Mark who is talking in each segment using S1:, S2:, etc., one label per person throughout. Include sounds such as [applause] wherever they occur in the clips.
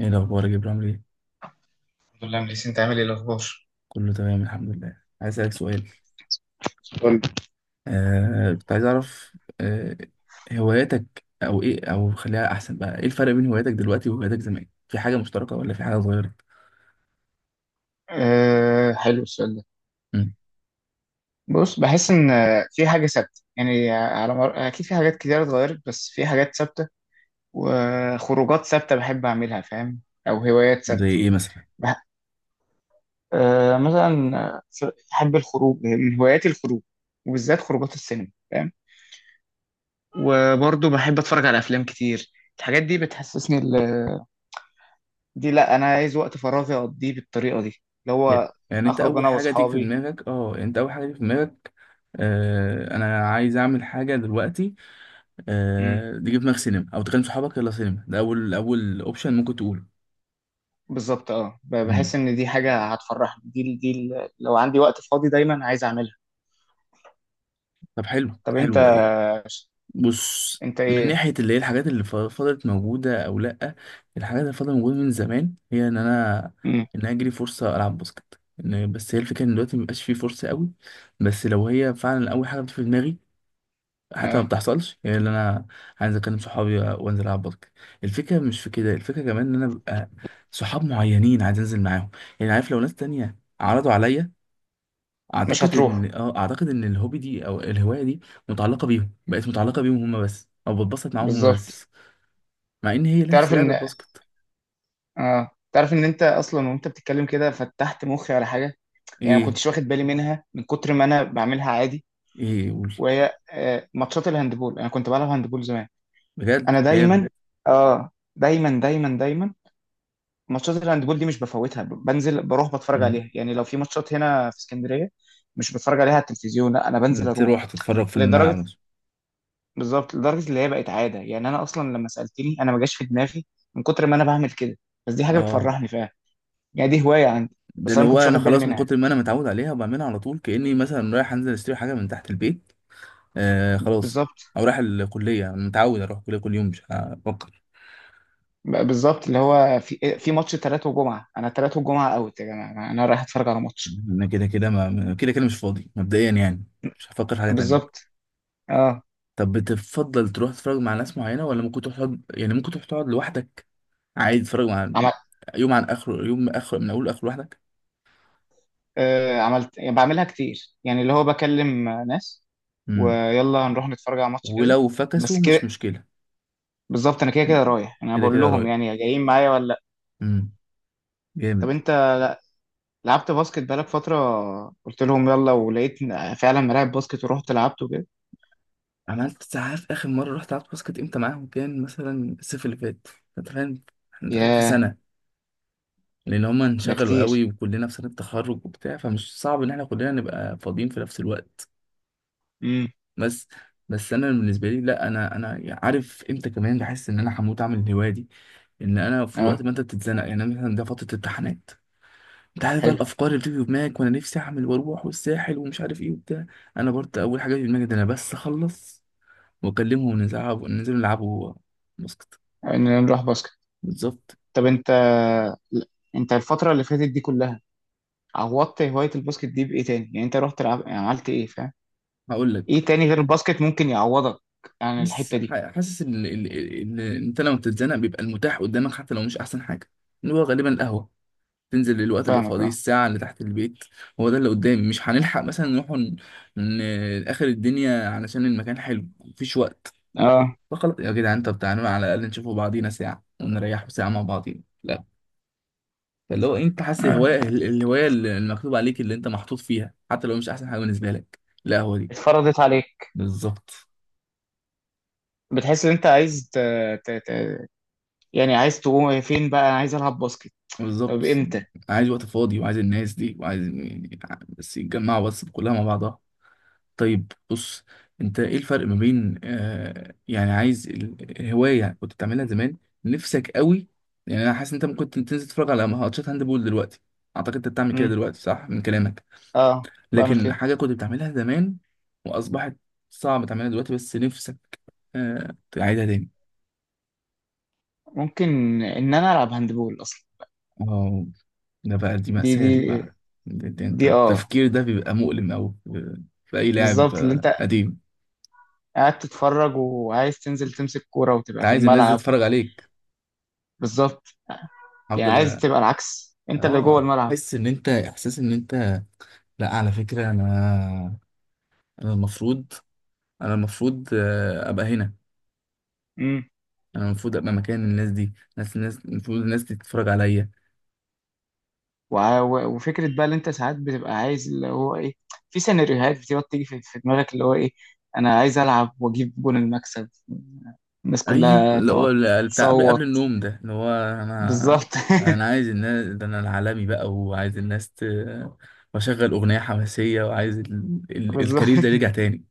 S1: ايه الاخبار يا جبران، عامل ايه؟
S2: الحمد لله مليسي، انت عامل ايه؟ الاخبار؟
S1: كله تمام الحمد لله. عايز اسالك سؤال.
S2: قول.
S1: كنت عايز اعرف. آه هواياتك او ايه او خليها احسن بقى. ايه الفرق بين هواياتك دلوقتي وهواياتك زمان، في حاجه مشتركه ولا في حاجه اتغيرت؟
S2: أه، حلو السؤال ده.
S1: مم.
S2: بص، بحس ان في حاجه ثابته، يعني اكيد في حاجات كتير اتغيرت، بس في حاجات ثابته وخروجات ثابته بحب اعملها، فاهم؟ او هوايات
S1: زي
S2: ثابته.
S1: ايه مثلا؟
S2: بح... مثلا بحب الخروج. من هواياتي الخروج، وبالذات خروجات السينما، فاهم؟ وبرضه بحب اتفرج على افلام كتير. الحاجات دي بتحسسني دي، لا، انا عايز وقت فراغي اقضيه بالطريقه دي، اللي
S1: يا-
S2: هو
S1: يعني انت
S2: اخرج
S1: اول
S2: انا
S1: حاجه تيجي في
S2: واصحابي.
S1: دماغك يعني انت اول حاجه تيجي في دماغك. انا عايز اعمل حاجه دلوقتي. تيجي في دماغك سينما او تكلم صحابك يلا سينما، ده اول اوبشن ممكن تقوله.
S2: بالظبط. اه،
S1: مم.
S2: بحس ان دي حاجه هتفرحني. لو عندي وقت فاضي دايما عايز اعملها.
S1: طب حلو
S2: طب انت،
S1: حلو. بص،
S2: انت
S1: من
S2: ايه؟
S1: ناحية اللي هي الحاجات اللي فضلت موجودة أو لأ. الحاجات اللي فضلت موجودة من زمان، هي إن أنا
S2: امم.
S1: أجري فرصة ألعب باسكت. إن بس هي الفكرة إن دلوقتي مبقاش فيه فرصة قوي، بس لو هي فعلا أول حاجة بتيجي في دماغي، حتى ما
S2: اه،
S1: بتحصلش هي اللي أنا عايز أكلم صحابي وأنزل ألعب باسكت. الفكرة مش في كده، الفكرة كمان إن أنا ببقى صحاب معينين عايز أنزل معاهم. يعني عارف لو ناس تانية عرضوا عليا،
S2: مش
S1: اعتقد ان
S2: هتروح.
S1: الهوبي دي او الهوايه دي متعلقه بيهم، هما بس، او بتبسط معاهم هما
S2: بالظبط.
S1: بس، مع ان هي نفس
S2: تعرف
S1: لعبه
S2: ان
S1: الباسكت.
S2: اه تعرف ان انت اصلا وانت بتتكلم كده فتحت مخي على حاجه، يعني ما
S1: ايه؟
S2: كنتش واخد بالي منها من كتر ما انا بعملها عادي.
S1: ايه قول.
S2: وهي ماتشات الهاندبول، انا كنت بلعب هاندبول زمان.
S1: بجد
S2: انا
S1: جامد.
S2: دايما، اه دايما دايما دايما، ماتشات الهاندبول دي مش بفوتها. بنزل بروح بتفرج
S1: مم.
S2: عليها. يعني لو في ماتشات هنا في اسكندريه، مش بتفرج عليها على التلفزيون، لا، انا بنزل اروح.
S1: تروح تتفرج في الملعب
S2: لدرجه
S1: نفسه؟
S2: بالظبط، لدرجه اللي هي بقت عاده. يعني انا اصلا لما سالتني انا ما جاش في دماغي من كتر ما انا بعمل كده، بس دي حاجه
S1: اه،
S2: بتفرحني فعلا، يعني دي هوايه عندي،
S1: ده
S2: بس
S1: اللي
S2: انا ما
S1: هو
S2: كنتش
S1: انا
S2: واخد بالي
S1: خلاص من
S2: منها.
S1: كتر ما انا متعود عليها وبعملها على طول، كاني مثلا رايح انزل اشتري حاجه من تحت البيت. خلاص.
S2: بالظبط.
S1: او رايح الكليه، انا متعود اروح الكليه كل يوم، مش هفكر.
S2: بالظبط، اللي هو في ماتش ثلاثة وجمعه، انا ثلاثة وجمعه اوت يا جماعه، انا رايح اتفرج على ماتش.
S1: انا كده كده ما كده كده مش فاضي مبدئيا يعني، مش هفكر في حاجه تانية.
S2: بالظبط، اه.
S1: طب، بتفضل تروح تتفرج مع ناس معينة ولا ممكن تروح تقعد، يعني ممكن تروح تقعد لوحدك عادي؟ تتفرج مع يوم عن آخره، يوم من آخره، من أول لآخره لوحدك؟
S2: آه، عملت يعني بعملها كتير، يعني اللي هو بكلم ناس،
S1: امم.
S2: ويلا نروح نتفرج على ماتش كذا.
S1: ولو
S2: بس
S1: فكسوا
S2: كده.
S1: مش مشكلة.
S2: بالظبط، انا كده كده رايح، يعني انا
S1: كده
S2: بقول
S1: كده
S2: لهم
S1: رايح.
S2: يعني جايين معايا ولا لا.
S1: امم.
S2: طب
S1: جامد.
S2: انت، لعبت باسكت بقالك فترة، قلت لهم يلا، ولقيت فعلا ملاعب باسكت ورحت لعبت وكده؟
S1: عملت ساعات آخر مرة رحت لعبت باسكت امتى معاهم؟ كان مثلا الصيف اللي فات. انت فاهم احنا داخلين في
S2: ياه.
S1: سنة، لأن هما
S2: ده
S1: انشغلوا
S2: كتير.
S1: قوي وكلنا في سنة تخرج وبتاع، فمش صعب إن احنا كلنا نبقى فاضيين في نفس الوقت.
S2: امم.
S1: بس، بس انا بالنسبه لي لا، انا عارف امتى. كمان بحس ان انا هموت اعمل الهوايه دي، ان انا في وقت
S2: اه،
S1: ما انت بتتزنق يعني. أنا مثلا ده فتره امتحانات، انت عارف بقى
S2: حلو
S1: الافكار اللي بتيجي في دماغك، وانا نفسي اعمل واروح والساحل ومش عارف ايه وبتاع. انا برضه اول حاجه في دماغي ده، انا بس اخلص واكلمهم ننزل نلعبوا باسكت.
S2: اننا نروح باسكت.
S1: بالظبط.
S2: طب انت، انت الفترة اللي فاتت دي كلها، عوضت هواية الباسكت دي بإيه تاني؟ يعني انت يعني عملت ايه، فاهم؟
S1: هقول لك.
S2: ايه تاني غير الباسكت ممكن يعوضك عن
S1: بس
S2: الحتة دي؟
S1: حاسس ان إن انت لما بتتزنق بيبقى المتاح قدامك حتى لو مش احسن حاجه، اللي هو غالبا القهوه. تنزل الوقت اللي
S2: فاهمك.
S1: فاضيه
S2: اه.
S1: الساعة اللي تحت البيت، هو ده اللي قدامي. مش هنلحق مثلا نروح آخر الدنيا علشان المكان حلو مفيش وقت.
S2: اه.
S1: فخلاص يا جدعان، طب تعالوا على الأقل نشوفوا بعضينا ساعة ونريحوا ساعة مع بعضينا، لا. فاللي هو أنت حاسس الهواية
S2: آه.
S1: الهواية اللي المكتوب عليك اللي أنت محطوط فيها، حتى لو مش أحسن حاجة بالنسبة لك، لا هو دي.
S2: اتفرضت عليك.
S1: بالظبط.
S2: بتحس ان انت عايز ت... ت... يعني عايز تقوم فين بقى؟ انا عايز العب باسكت. طب
S1: بالظبط.
S2: امتى؟
S1: عايز وقت فاضي وعايز الناس دي وعايز يعني، بس يتجمعوا بس كلها مع بعضها. طيب بص، انت ايه الفرق ما بين يعني عايز الهواية كنت بتعملها زمان نفسك قوي؟ يعني انا حاسس ان انت ممكن تنزل تتفرج على ماتشات هاندبول دلوقتي، اعتقد انت بتعمل كده
S2: امم.
S1: دلوقتي صح من كلامك.
S2: اه، بعمل
S1: لكن
S2: كده.
S1: حاجة كنت بتعملها زمان واصبحت صعب تعملها دلوقتي بس نفسك تعيدها تاني.
S2: ممكن ان انا العب هاندبول اصلا.
S1: اه. ده بقى، دي
S2: دي.
S1: مأساة
S2: دي.
S1: دي بقى. دي انت
S2: دي. اه،
S1: التفكير ده بيبقى مؤلم قوي في اي لاعب
S2: بالظبط، اللي انت
S1: قديم.
S2: قاعد تتفرج وعايز تنزل تمسك كورة
S1: انت
S2: وتبقى في
S1: عايز الناس دي
S2: الملعب.
S1: تتفرج عليك.
S2: بالظبط. يعني
S1: هفضل.
S2: عايز تبقى العكس، انت اللي جوه
S1: اه
S2: الملعب.
S1: تحس ان انت، احساس ان انت، لا على فكره انا، انا المفروض انا المفروض ابقى هنا. انا المفروض ابقى مكان الناس دي، ناس الناس المفروض الناس دي تتفرج عليا.
S2: وفكرة بقى اللي انت ساعات بتبقى عايز، اللي هو ايه، في سيناريوهات بتبقى بتيجي في دماغك، اللي هو ايه، انا عايز العب واجيب جون المكسب، الناس
S1: اي
S2: كلها
S1: اللي
S2: تقعد
S1: هو بتاع قبل
S2: تصوت.
S1: النوم، ده اللي هو انا،
S2: بالظبط. [laughs]
S1: انا عايز الناس ده، انا العالمي بقى، وعايز الناس واشغل اغنيه حماسيه وعايز
S2: بالظبط.
S1: الكارير ده يرجع تاني.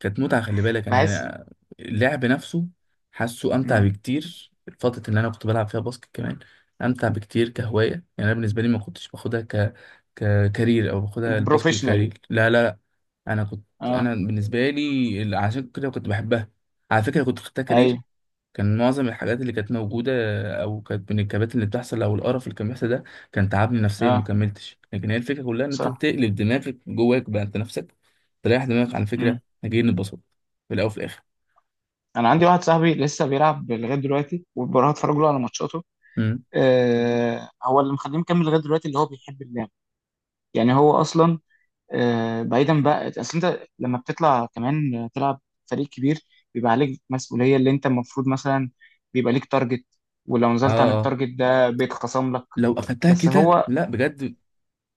S1: كانت متعة، خلي بالك،
S2: بحس.
S1: أنا اللعب نفسه حاسه أمتع
S2: مم.
S1: بكتير، الفترة اللي أنا كنت بلعب فيها باسكت كمان أمتع بكتير كهواية. يعني أنا بالنسبة لي ما كنتش باخدها ككارير، أو باخدها الباسكت
S2: بروفيشنال.
S1: كارير، لا لا لا. أنا كنت،
S2: اه.
S1: أنا بالنسبة لي عشان كده كنت بحبها. على فكرة كنت خدتها كارير،
S2: ايوه.
S1: كان معظم الحاجات اللي كانت موجودة أو كانت من الكبات اللي بتحصل أو القرف اللي كان بيحصل ده كان تعبني نفسيا،
S2: اه.
S1: مكملتش. لكن هي الفكرة كلها إن أنت
S2: صح.
S1: تقلب دماغك جواك بقى أنت نفسك، تريح دماغك عن فكرة
S2: مم.
S1: إحنا جايين نتبسط في الأول وفي الآخر.
S2: انا عندي واحد صاحبي لسه بيلعب لغايه دلوقتي، وبروح اتفرج له على ماتشاته.
S1: امم.
S2: هو اللي مخليه مكمل لغايه دلوقتي، اللي هو بيحب اللعب. يعني هو اصلا بعيدا بقى، اصل انت لما بتطلع كمان تلعب فريق كبير بيبقى عليك مسؤوليه، اللي انت المفروض مثلا بيبقى ليك تارجت، ولو
S1: آه.
S2: نزلت عن
S1: آه،
S2: التارجت ده بيتخصم لك.
S1: لو أخدتها
S2: بس
S1: كده
S2: هو
S1: لا، بجد.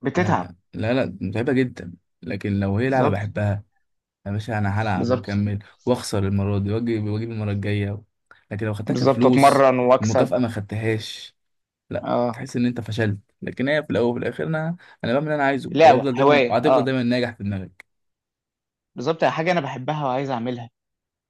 S2: بتتعب.
S1: أنا لا لا، متعبة جدا. لكن لو هي لعبة
S2: بالظبط.
S1: بحبها، يا باشا أنا هلعب
S2: بالظبط.
S1: وأكمل وأخسر المرة دي وأجيب المرة الجاية. لكن لو أخدتها
S2: بالظبط،
S1: كفلوس،
S2: اتمرن واكسب.
S1: المكافأة ما خدتهاش، لا
S2: اه.
S1: تحس ان انت فشلت. لكن هي في الاول وفي الاخر انا، انا بعمل اللي انا عايزه
S2: لعبه،
S1: وافضل دايما،
S2: هوايه،
S1: وهتفضل
S2: اه،
S1: دايما ناجح في دماغك.
S2: بالظبط، حاجه انا بحبها وعايز اعملها.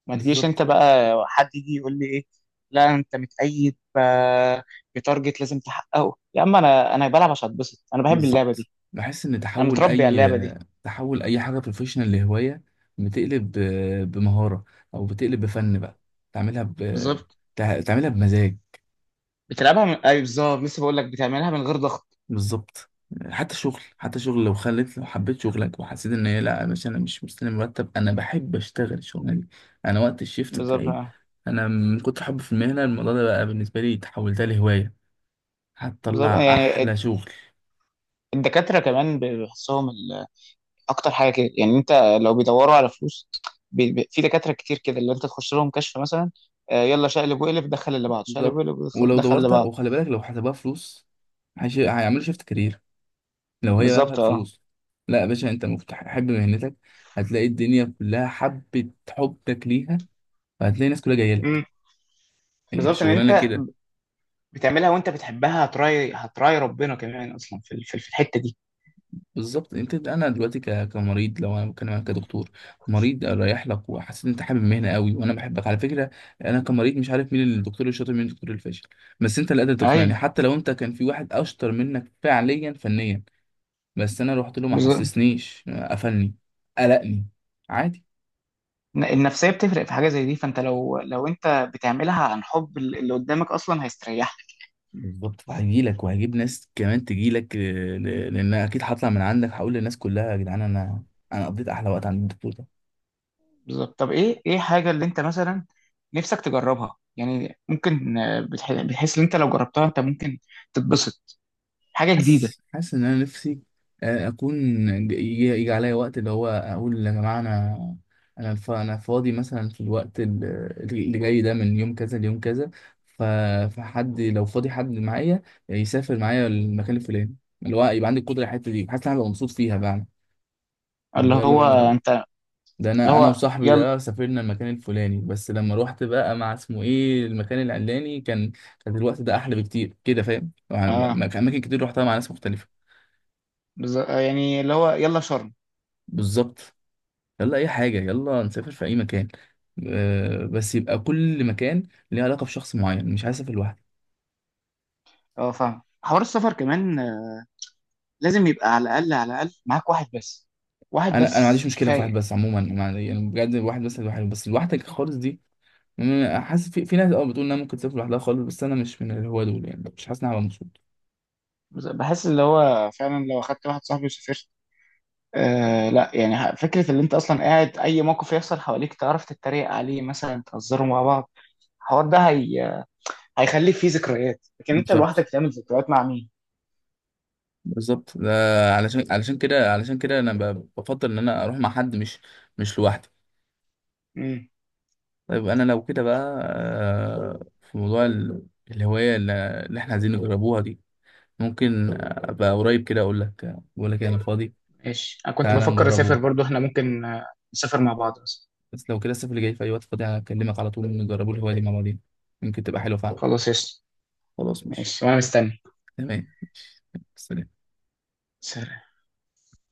S2: ما تجيش انت
S1: بالظبط.
S2: بقى حد يجي يقول لي ايه، لا انت متقيد بتارجت لازم تحققه. يا عم انا بلعب عشان اتبسط، انا بحب اللعبه
S1: بالظبط
S2: دي.
S1: بحس ان
S2: انا
S1: تحول
S2: متربي على اللعبه دي.
S1: اي، حاجه بروفيشنال لهوايه، بتقلب بمهاره او بتقلب بفن بقى، تعملها
S2: بالظبط.
S1: تعملها بمزاج.
S2: بتلعبها من اي بالظبط، لسه بقول لك، بتعملها من غير ضغط.
S1: بالظبط. حتى شغل، لو خليت لو حبيت شغلك وحسيت ان هي لا مش، انا مش مستني مرتب، انا بحب اشتغل الشغلانه دي. انا وقت الشيفت
S2: بالظبط،
S1: بتاعي،
S2: آه.
S1: انا من كتر حب في المهنه الموضوع ده بقى بالنسبه لي تحولتها لهوايه،
S2: بالظبط،
S1: هتطلع
S2: يعني
S1: احلى شغل.
S2: الدكاترة كمان بيحسهم اكتر حاجة كده. يعني انت، لو بيدوروا على فلوس، في دكاترة كتير كده اللي انت تخش لهم كشف مثلا، يلا شقلب وقلب دخل اللي بعض، شقلب
S1: بالظبط.
S2: وقلب دخل
S1: ولو
S2: دخل اللي
S1: دورت
S2: بعض.
S1: وخلي بالك لو حسبها فلوس، هيعملوا شيفت كارير لو هي بقى فيها
S2: بالظبط، اه.
S1: فلوس. لا يا باشا، انت مفتح حب مهنتك، هتلاقي الدنيا كلها حبت، حبك ليها، فهتلاقي الناس كلها جايه لك.
S2: امم.
S1: هي
S2: بالظبط، ان
S1: الشغلانه
S2: انت
S1: كده.
S2: بتعملها وانت بتحبها، هتراي هتراي ربنا كمان اصلا في الحتة دي.
S1: بالظبط، انت انا دلوقتي كمريض، لو انا بتكلم عنك كدكتور، مريض رايح لك وحسيت ان انت حابب المهنه قوي، وانا بحبك على فكره، انا كمريض مش عارف مين الدكتور الشاطر مين الدكتور الفاشل، بس انت اللي قادر
S2: ايوه،
S1: تقنعني. حتى لو انت كان في واحد اشطر منك فعليا فنيا، بس انا رحت له ما
S2: بالظبط.
S1: حسسنيش، قفلني، قلقني، عادي.
S2: النفسية بتفرق في حاجة زي دي. فانت لو انت بتعملها عن حب، اللي قدامك اصلا هيستريح.
S1: بالظبط. هيجي لك وهجيب ناس كمان تجي لك، لان اكيد هطلع من عندك هقول للناس كلها يا جدعان، انا قضيت احلى وقت عند الدكتور ده.
S2: بالظبط. طب ايه، حاجه اللي انت مثلا نفسك تجربها؟ يعني ممكن بتحس ان انت لو جربتها انت ممكن تتبسط. حاجه جديده.
S1: حاسس ان انا نفسي اكون، يجي عليا وقت اللي هو اقول يا جماعه انا، انا انا فاضي مثلا في الوقت اللي جاي ده من يوم كذا ليوم كذا، ف- فحد لو فاضي حد معايا، يسافر معايا المكان الفلاني، اللي هو يبقى عندي القدره على الحته دي، حاسس ان انا هبقى مبسوط فيها بقى. طب
S2: اللي
S1: يلا
S2: هو
S1: بينا نجرب.
S2: انت.
S1: ده
S2: اللي
S1: انا، انا
S2: هو
S1: وصاحبي
S2: يلا.
S1: ده سافرنا المكان الفلاني، بس لما روحت بقى مع اسمه ايه المكان العلاني، كان، كان الوقت ده احلى بكتير كده، فاهم؟
S2: اه،
S1: اماكن كتير روحتها مع ناس مختلفه.
S2: بالظبط. يعني اللي هو يلا شرم.
S1: بالظبط. يلا اي حاجه، يلا نسافر في اي مكان، بس يبقى كل مكان ليه علاقه بشخص معين، مش عايز اسافر لوحدي.
S2: اه، فاهم. حوار السفر كمان، لازم يبقى على الاقل، على الاقل معاك واحد بس. واحد
S1: انا ما عنديش
S2: بس
S1: مشكله في
S2: كفايه.
S1: واحد بس عموما، ما- يعني بجد واحد بس لوحده، بس لوحدك خالص دي، مم، حاسس في ناس اه بتقول انها ممكن تسافر لوحدها خالص، بس انا مش من اللي هو دول يعني، مش حاسس اني هبقى مبسوط.
S2: بحس اللي هو فعلا لو اخدت واحد صاحبي وسافرت. لا يعني، فكره اللي انت اصلا قاعد اي موقف يحصل حواليك تعرف تتريق عليه، مثلا تهزروا مع بعض. الحوار ده، هيخلي فيه ذكريات، لكن انت لوحدك
S1: بالظبط.
S2: تعمل ذكريات مع مين؟
S1: ده علشان، علشان كده انا بفضل ان انا اروح مع حد، مش لوحدي.
S2: امم.
S1: طيب انا لو كده بقى في موضوع الهوايه اللي احنا عايزين نجربوها دي، ممكن ابقى قريب كده اقول لك، بقول لك انا فاضي،
S2: ماشي. انا كنت
S1: تعالى
S2: بفكر اسافر
S1: نجربه.
S2: برضو، احنا ممكن نسافر مع بعض بس.
S1: بس لو كده الصيف اللي جاي في اي وقت فاضي هكلمك على طول، نجربوا الهوايه دي مع بعضين، يمكن تبقى حلوه فعلا.
S2: خلاص، يس.
S1: خلاص ماشي.
S2: ماشي، وانا مستني.
S1: تمام. سلام.
S2: سلام.